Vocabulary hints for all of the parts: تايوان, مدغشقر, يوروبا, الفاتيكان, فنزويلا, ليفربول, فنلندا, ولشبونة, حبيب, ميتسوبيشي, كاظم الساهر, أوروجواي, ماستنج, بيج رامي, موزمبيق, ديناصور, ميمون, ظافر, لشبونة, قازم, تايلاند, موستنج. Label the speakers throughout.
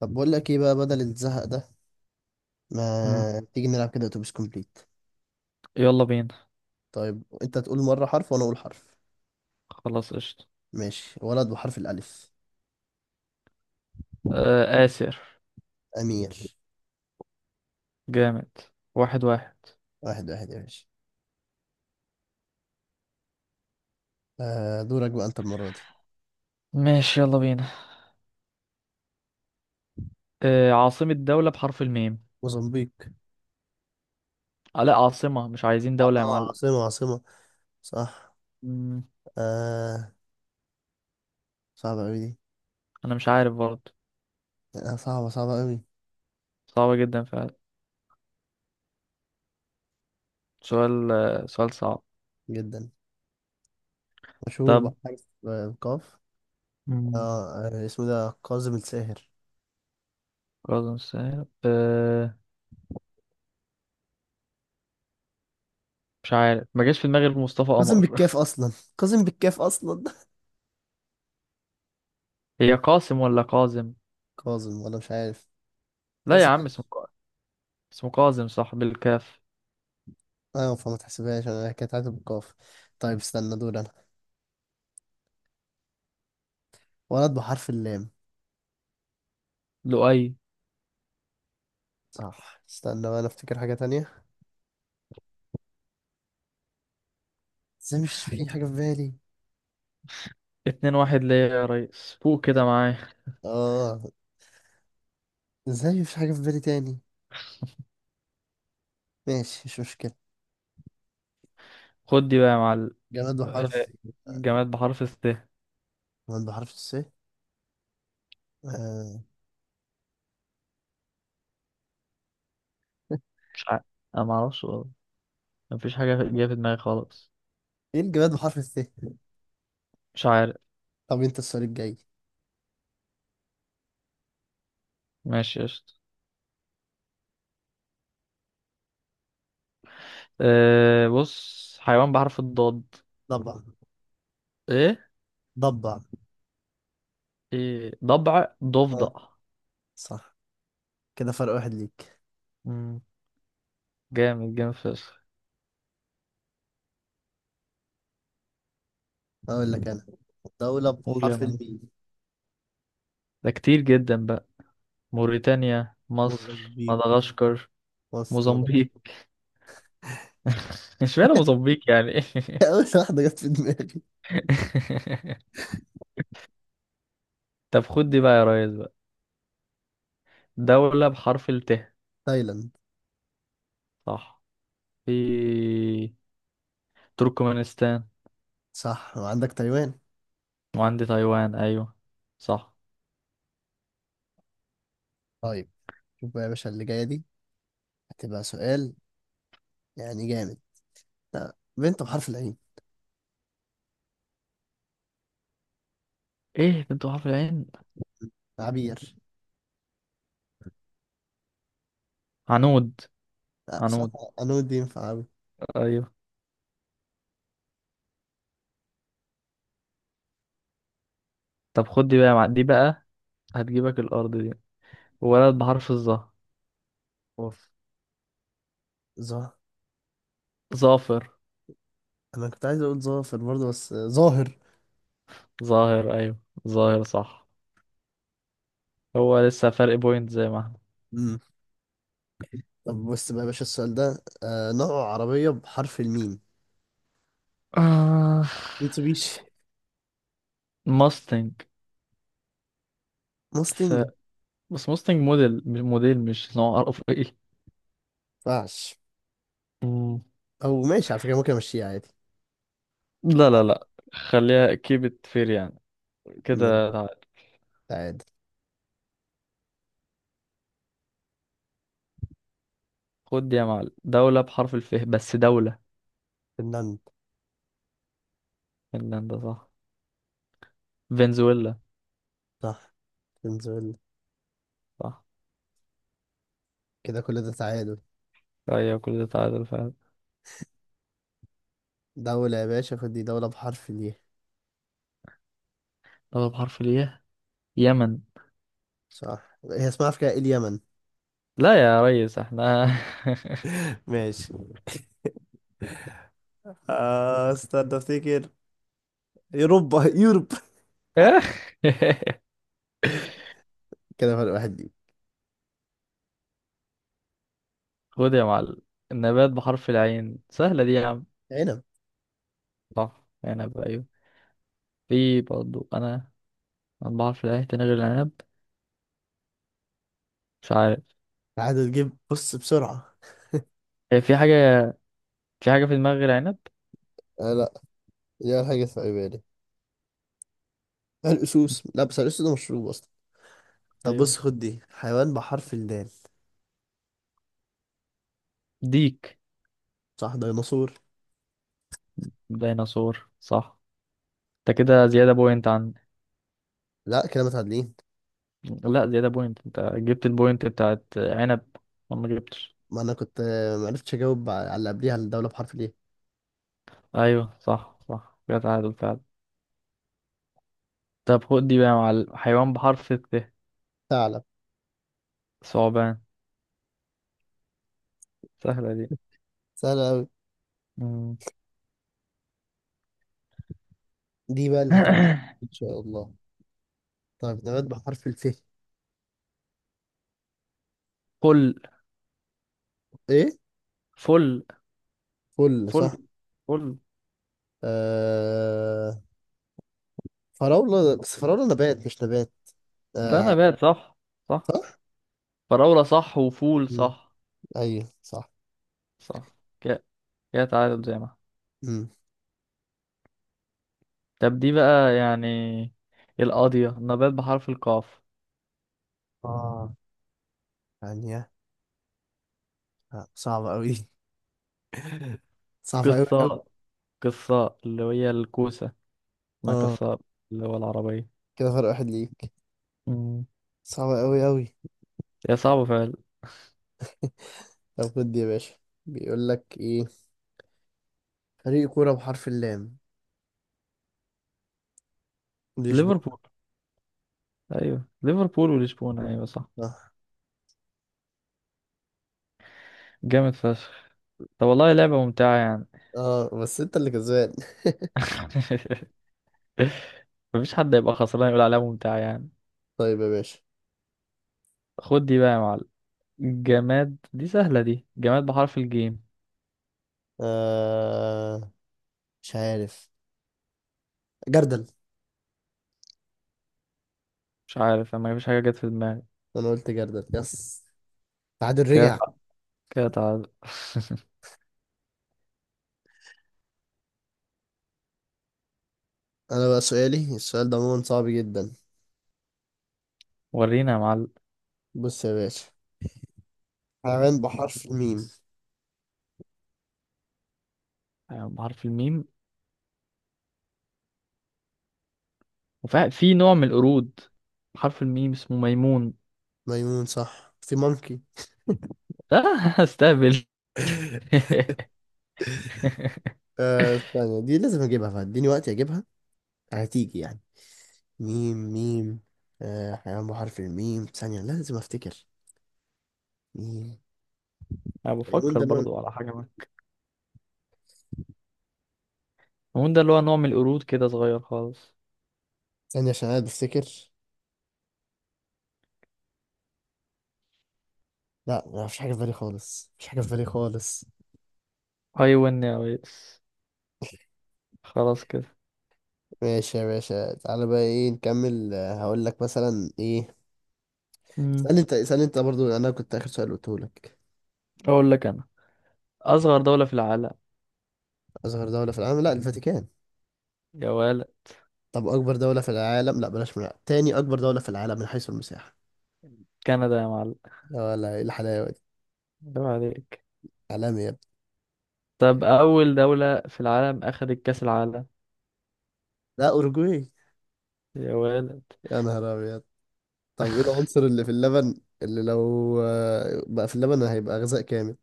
Speaker 1: طب بقول لك ايه بقى بدل الزهق ده،
Speaker 2: مم.
Speaker 1: ما تيجي نلعب كده اتوبيس كومبليت؟
Speaker 2: يلا بينا.
Speaker 1: طيب انت تقول مرة حرف وانا اقول حرف.
Speaker 2: خلاص، قشطة.
Speaker 1: ماشي، ولد بحرف الالف.
Speaker 2: آه، آسر.
Speaker 1: امير.
Speaker 2: جامد. واحد واحد.
Speaker 1: 1-1 يا باشا. آه، دورك بقى انت المرة دي.
Speaker 2: ماشي، يلا بينا. عاصمة دولة بحرف الميم؟
Speaker 1: موزمبيق.
Speaker 2: آه، لا، عاصمة، مش عايزين دولة يا معلم.
Speaker 1: عاصمة عاصمة. صح.
Speaker 2: مم.
Speaker 1: آه، صعبة اوي دي.
Speaker 2: أنا مش عارف برضه.
Speaker 1: آه، صعبة صعبة اوي
Speaker 2: صعبة جدا فعلا. سؤال، سؤال صعب.
Speaker 1: جدا. مشهور
Speaker 2: طب.
Speaker 1: بحرف القاف.
Speaker 2: مم.
Speaker 1: اسمه ده كاظم الساهر.
Speaker 2: قاسم ساهر، آه. مش عارف، ما جاش في دماغي غير مصطفى
Speaker 1: كاظم
Speaker 2: قمر.
Speaker 1: بالكاف اصلا. كاظم بالكاف اصلا
Speaker 2: هي قاسم ولا قازم؟
Speaker 1: كاظم ولا مش عارف.
Speaker 2: لا يا
Speaker 1: تحسب.
Speaker 2: عم، اسمه قازم، صح، بالكاف.
Speaker 1: اه، فما تحسبهاش، انا كانت عاتب بالقاف. طيب استنى، دول انا. ولد بحرف اللام.
Speaker 2: لؤي.
Speaker 1: صح، استنى بقى، انا افتكر حاجة تانية. ازاي مش في حاجة في بالي؟
Speaker 2: اتنين واحد ليا يا ريس، فوق كده
Speaker 1: يا-
Speaker 2: معايا.
Speaker 1: اه ازاي مفيش حاجة في بالي تاني؟ ماشي، مش مشكلة.
Speaker 2: خد دي بقى يا معلم،
Speaker 1: جماد بحرف.
Speaker 2: جماد بحرف الث.
Speaker 1: جماد بحرف الس. آه.
Speaker 2: مش عارف. انا ما اعرفش والله. مفيش حاجه جايه في دماغي خالص.
Speaker 1: ايه الجماد بحرف الس؟
Speaker 2: مش عارف.
Speaker 1: طب انت السؤال الجاي.
Speaker 2: ماشي، قشطة. بص، حيوان بحرف الضاد.
Speaker 1: ضبع.
Speaker 2: ايه.
Speaker 1: ضبع.
Speaker 2: ايه، ضبع، ضفدع.
Speaker 1: اه، صح. كده فرق واحد ليك.
Speaker 2: امم جامد، جامد فشخ.
Speaker 1: اقول لك انا، دولة
Speaker 2: قول يا
Speaker 1: بحرف
Speaker 2: مان.
Speaker 1: الميم.
Speaker 2: ده كتير جدا بقى. موريتانيا،
Speaker 1: مضرب
Speaker 2: مصر،
Speaker 1: بيه.
Speaker 2: مدغشقر،
Speaker 1: مصر،
Speaker 2: موزمبيق.
Speaker 1: مدغشقر.
Speaker 2: اشمعنى موزمبيق يعني؟
Speaker 1: اول واحدة جت في دماغي.
Speaker 2: طب خد دي بقى يا ريس بقى، دولة بحرف الت.
Speaker 1: تايلاند.
Speaker 2: صح. في تركمانستان،
Speaker 1: صح، وعندك تايوان.
Speaker 2: وعندي تايوان، ايوه. صح.
Speaker 1: طيب، شوف بقى يا باشا اللي جاية دي، هتبقى سؤال يعني جامد. لا، بنت بحرف العين.
Speaker 2: ايه بنت حرف العين؟
Speaker 1: عبير.
Speaker 2: عنود.
Speaker 1: لا، صح.
Speaker 2: عنود،
Speaker 1: أنو الدين في عبي.
Speaker 2: ايوه. طب خد دي بقى دي بقى هتجيبك الارض دي. ولد بحرف الظا.
Speaker 1: اوف. ظاهر.
Speaker 2: ظافر.
Speaker 1: أنا كنت عايز أقول ظافر برضه بس ظاهر.
Speaker 2: ظاهر، ايوه. ظاهر صح. هو لسه فرق بوينت زي ما احنا.
Speaker 1: مم. طب بص بقى يا باشا، السؤال ده نوع عربية بحرف الميم.
Speaker 2: آه،
Speaker 1: ميتسوبيشي.
Speaker 2: ماستنج. ف...
Speaker 1: موستنج.
Speaker 2: بس ماستنج موديل، مش موديل، مش نوع. عرف ايه.
Speaker 1: مينفعش.
Speaker 2: مم.
Speaker 1: أو ماشي، على فكرة ممكن أمشيها عادي.
Speaker 2: لا، لا، لا. خليها كيبت فير يعني.
Speaker 1: ماشي.
Speaker 2: كده تعال.
Speaker 1: تعادل.
Speaker 2: خد دي يا معلم، دولة بحرف الف، بس دولة.
Speaker 1: فنلندا.
Speaker 2: فنلندا صح. فنزويلا.
Speaker 1: صح. فنزويلا.
Speaker 2: صح.
Speaker 1: كده كل ده تعادل.
Speaker 2: ايوه، كل ده تعادل فعلا.
Speaker 1: دولة يا باشا، خد دي دولة بحرف ال.
Speaker 2: طب بحرف الياء. يمن.
Speaker 1: صح، هي اسمها افريقيا ايه اليمن.
Speaker 2: لا يا ريس، احنا.
Speaker 1: ماشي. آه، استنى افتكر. يوروبا يوروب.
Speaker 2: اخ.
Speaker 1: كده فرق واحد دي.
Speaker 2: خد يا معلم، النبات بحرف العين سهلة دي يا عم.
Speaker 1: عنب.
Speaker 2: صح، عنب، ايوه. في برضو أنا بحرف العين تاني غير العنب؟ مش عارف.
Speaker 1: عاد تجيب، بص بسرعة.
Speaker 2: هي في حاجة في حاجة في دماغي غير عنب.
Speaker 1: آه لا، دي أول حاجة في بالي. الأسوس، لا بس الأسوس ده مشروب أصلا. طب
Speaker 2: ايوه،
Speaker 1: بص، خد دي حيوان بحرف الدال.
Speaker 2: ديك،
Speaker 1: صح، ديناصور.
Speaker 2: ديناصور، صح. انت كده زيادة بوينت عن.
Speaker 1: لا، كده متعادلين.
Speaker 2: لا، زيادة بوينت، انت جبت البوينت بتاعت عنب، وانا ما جبتش.
Speaker 1: ما أنا كنت معرفتش أجاوب على اللي قبليها، على الدولة بحرف الإيه.
Speaker 2: ايوه صح، صح، كده تعادل فعلا. طب خد دي بقى يا معلم، حيوان بحرف الت.
Speaker 1: ثعلب.
Speaker 2: ثعبان. سهلة دي.
Speaker 1: سهلة أوي.
Speaker 2: مم.
Speaker 1: دي بقى اللي هتبقى إن شاء الله. طيب، نبات بحرف الف.
Speaker 2: فل،
Speaker 1: إيه.
Speaker 2: فل،
Speaker 1: فل
Speaker 2: فل،
Speaker 1: صح.
Speaker 2: فل.
Speaker 1: آه، فراولة بس فراولة نبات مش نبات.
Speaker 2: لا،
Speaker 1: آه.
Speaker 2: نبات، صح. صح.
Speaker 1: صح؟
Speaker 2: فراولة صح، وفول
Speaker 1: مم.
Speaker 2: صح.
Speaker 1: أيوه صح.
Speaker 2: صح. كده كده تعادل زي ما.
Speaker 1: مم.
Speaker 2: طب دي بقى يعني القاضية، نبات بحرف القاف.
Speaker 1: آه، ثانية. آه. صعبة أوي صعبة أوي أوي.
Speaker 2: قصة. قصة اللي هي الكوسة. ما
Speaker 1: آه،
Speaker 2: قصة اللي هو العربية.
Speaker 1: كده فرق واحد ليك.
Speaker 2: مم.
Speaker 1: صعبة أوي أوي.
Speaker 2: يا صعب فعلا.
Speaker 1: طب خد يا باشا، بيقول لك إيه، فريق كورة بحرف اللام. لشبونة.
Speaker 2: ليفربول. أيوه، ليفربول ولشبونة، أيوه صح.
Speaker 1: صح.
Speaker 2: جامد فشخ. طب والله لعبة ممتعة يعني.
Speaker 1: آه، بس أنت اللي كسبان.
Speaker 2: مفيش حد يبقى خسران يقول عليها ممتعة يعني.
Speaker 1: طيب يا باشا.
Speaker 2: خد دي بقى يا معلم، جماد. دي سهلة دي، جماد بحرف الجيم.
Speaker 1: آه، مش عارف. جردل.
Speaker 2: مش عارف. انا مفيش حاجة جت في دماغي.
Speaker 1: أنا قلت جردل يس. تعادل
Speaker 2: كده
Speaker 1: رجع.
Speaker 2: تع- كده تعال.
Speaker 1: أنا بقى سؤالي السؤال ده عموما صعب جدا.
Speaker 2: ورينا يا معلم.
Speaker 1: بص يا باشا، حيوان بحرف الميم.
Speaker 2: حيوان بحرف الميم. وفي نوع من القرود بحرف الميم اسمه ميمون.
Speaker 1: ميمون صح، في مونكي.
Speaker 2: لا. استهبل.
Speaker 1: آه، ثانية دي لازم اجيبها، فاديني وقت اجيبها. هتيجي يعني. ميم ميم. آه، حيوان بحرف الميم، ثانية لازم افتكر. ميم.
Speaker 2: انا
Speaker 1: ميمون
Speaker 2: بفكر
Speaker 1: ده نوع.
Speaker 2: برضو على حاجة ما. الميمون ده اللي هو نوع من القرود كده صغير خالص.
Speaker 1: ثانية عشان انا بفتكر. لا، ما فيش حاجة في بالي خالص، مفيش حاجة في بالي خالص.
Speaker 2: ايوه، نايس. خلاص كده.
Speaker 1: ماشي يا باشا، تعالى بقى ايه نكمل هقول لك مثلا ايه.
Speaker 2: مم.
Speaker 1: اسألني انت، اسألني انت برضو، انا كنت اخر سؤال قلته لك.
Speaker 2: اقول لك انا، اصغر دولة في العالم.
Speaker 1: اصغر دولة في العالم. لا، الفاتيكان.
Speaker 2: يا ولد.
Speaker 1: طب أكبر دولة في العالم، لا بلاش من العالم. تاني أكبر دولة في العالم من حيث المساحة.
Speaker 2: كندا يا معلم.
Speaker 1: يا ولا إيه الحلاوة دي.
Speaker 2: عيب عليك.
Speaker 1: عالمي يا ابني.
Speaker 2: طب اول دولة في العالم اخدت كأس العالم.
Speaker 1: لا، أوروجواي.
Speaker 2: يا ولد.
Speaker 1: يا نهار أبيض. طب إيه العنصر اللي في اللبن، اللي لو بقى في اللبن هيبقى غذاء كامل.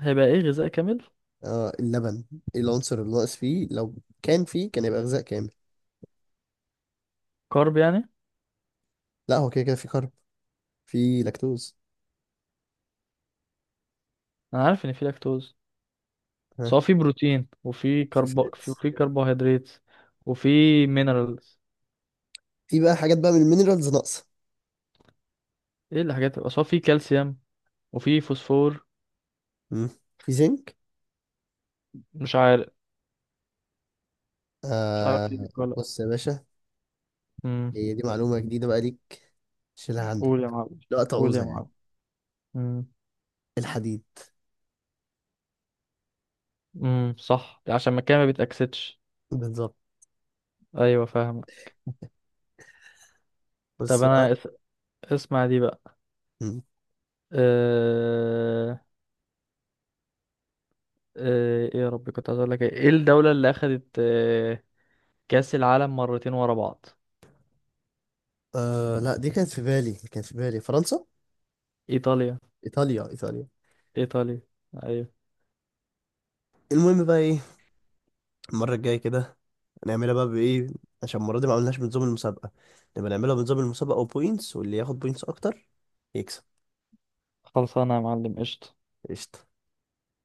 Speaker 2: هيبقى ايه غذاء كامل؟
Speaker 1: اه، اللبن. إيه العنصر اللي ناقص فيه، لو كان فيه كان يبقى غذاء كامل.
Speaker 2: كارب يعني.
Speaker 1: لا، هو كده كده في كارب. في لاكتوز.
Speaker 2: انا عارف ان في لاكتوز. بس
Speaker 1: ها.
Speaker 2: هو في بروتين، وفي
Speaker 1: في
Speaker 2: كرب،
Speaker 1: فات.
Speaker 2: في كربوهيدرات. وفي مينرالز.
Speaker 1: في بقى حاجات بقى من المينرالز ناقصة.
Speaker 2: ايه الحاجات؟ بس هو في كالسيوم، وفي فوسفور.
Speaker 1: مم. في زنك.
Speaker 2: مش عارف. مش
Speaker 1: آه،
Speaker 2: عارف ايه دي ولا.
Speaker 1: بص يا باشا،
Speaker 2: امم.
Speaker 1: هي دي معلومة جديدة بقى ليك، شيلها عندك.
Speaker 2: قول يا معلم.
Speaker 1: لا
Speaker 2: قول يا
Speaker 1: تعوزها يعني.
Speaker 2: معلم. امم.
Speaker 1: الحديد.
Speaker 2: امم، صح، عشان المكان ما بيتأكسدش.
Speaker 1: بالظبط.
Speaker 2: ايوه، فاهم. طب
Speaker 1: بس بقى.
Speaker 2: اسمع دي بقى.
Speaker 1: مم.
Speaker 2: أه... ايه يا ربي، كنت عايز اقول لك ايه. إيه الدولة اللي اخدت كأس العالم مرتين ورا بعض؟
Speaker 1: آه لا، دي كانت في بالي، كانت في بالي فرنسا.
Speaker 2: ايطاليا.
Speaker 1: ايطاليا. ايطاليا.
Speaker 2: ايطاليا. ايوه.
Speaker 1: المهم بقى ايه، المره الجايه كده هنعملها بقى بايه؟ عشان المره دي ما عملناش بنظام المسابقه. نبقى نعملها بنظام المسابقه وبوينتس، واللي ياخد بوينتس اكتر يكسب.
Speaker 2: خلصانه يا معلم، قشطة.
Speaker 1: قشطه.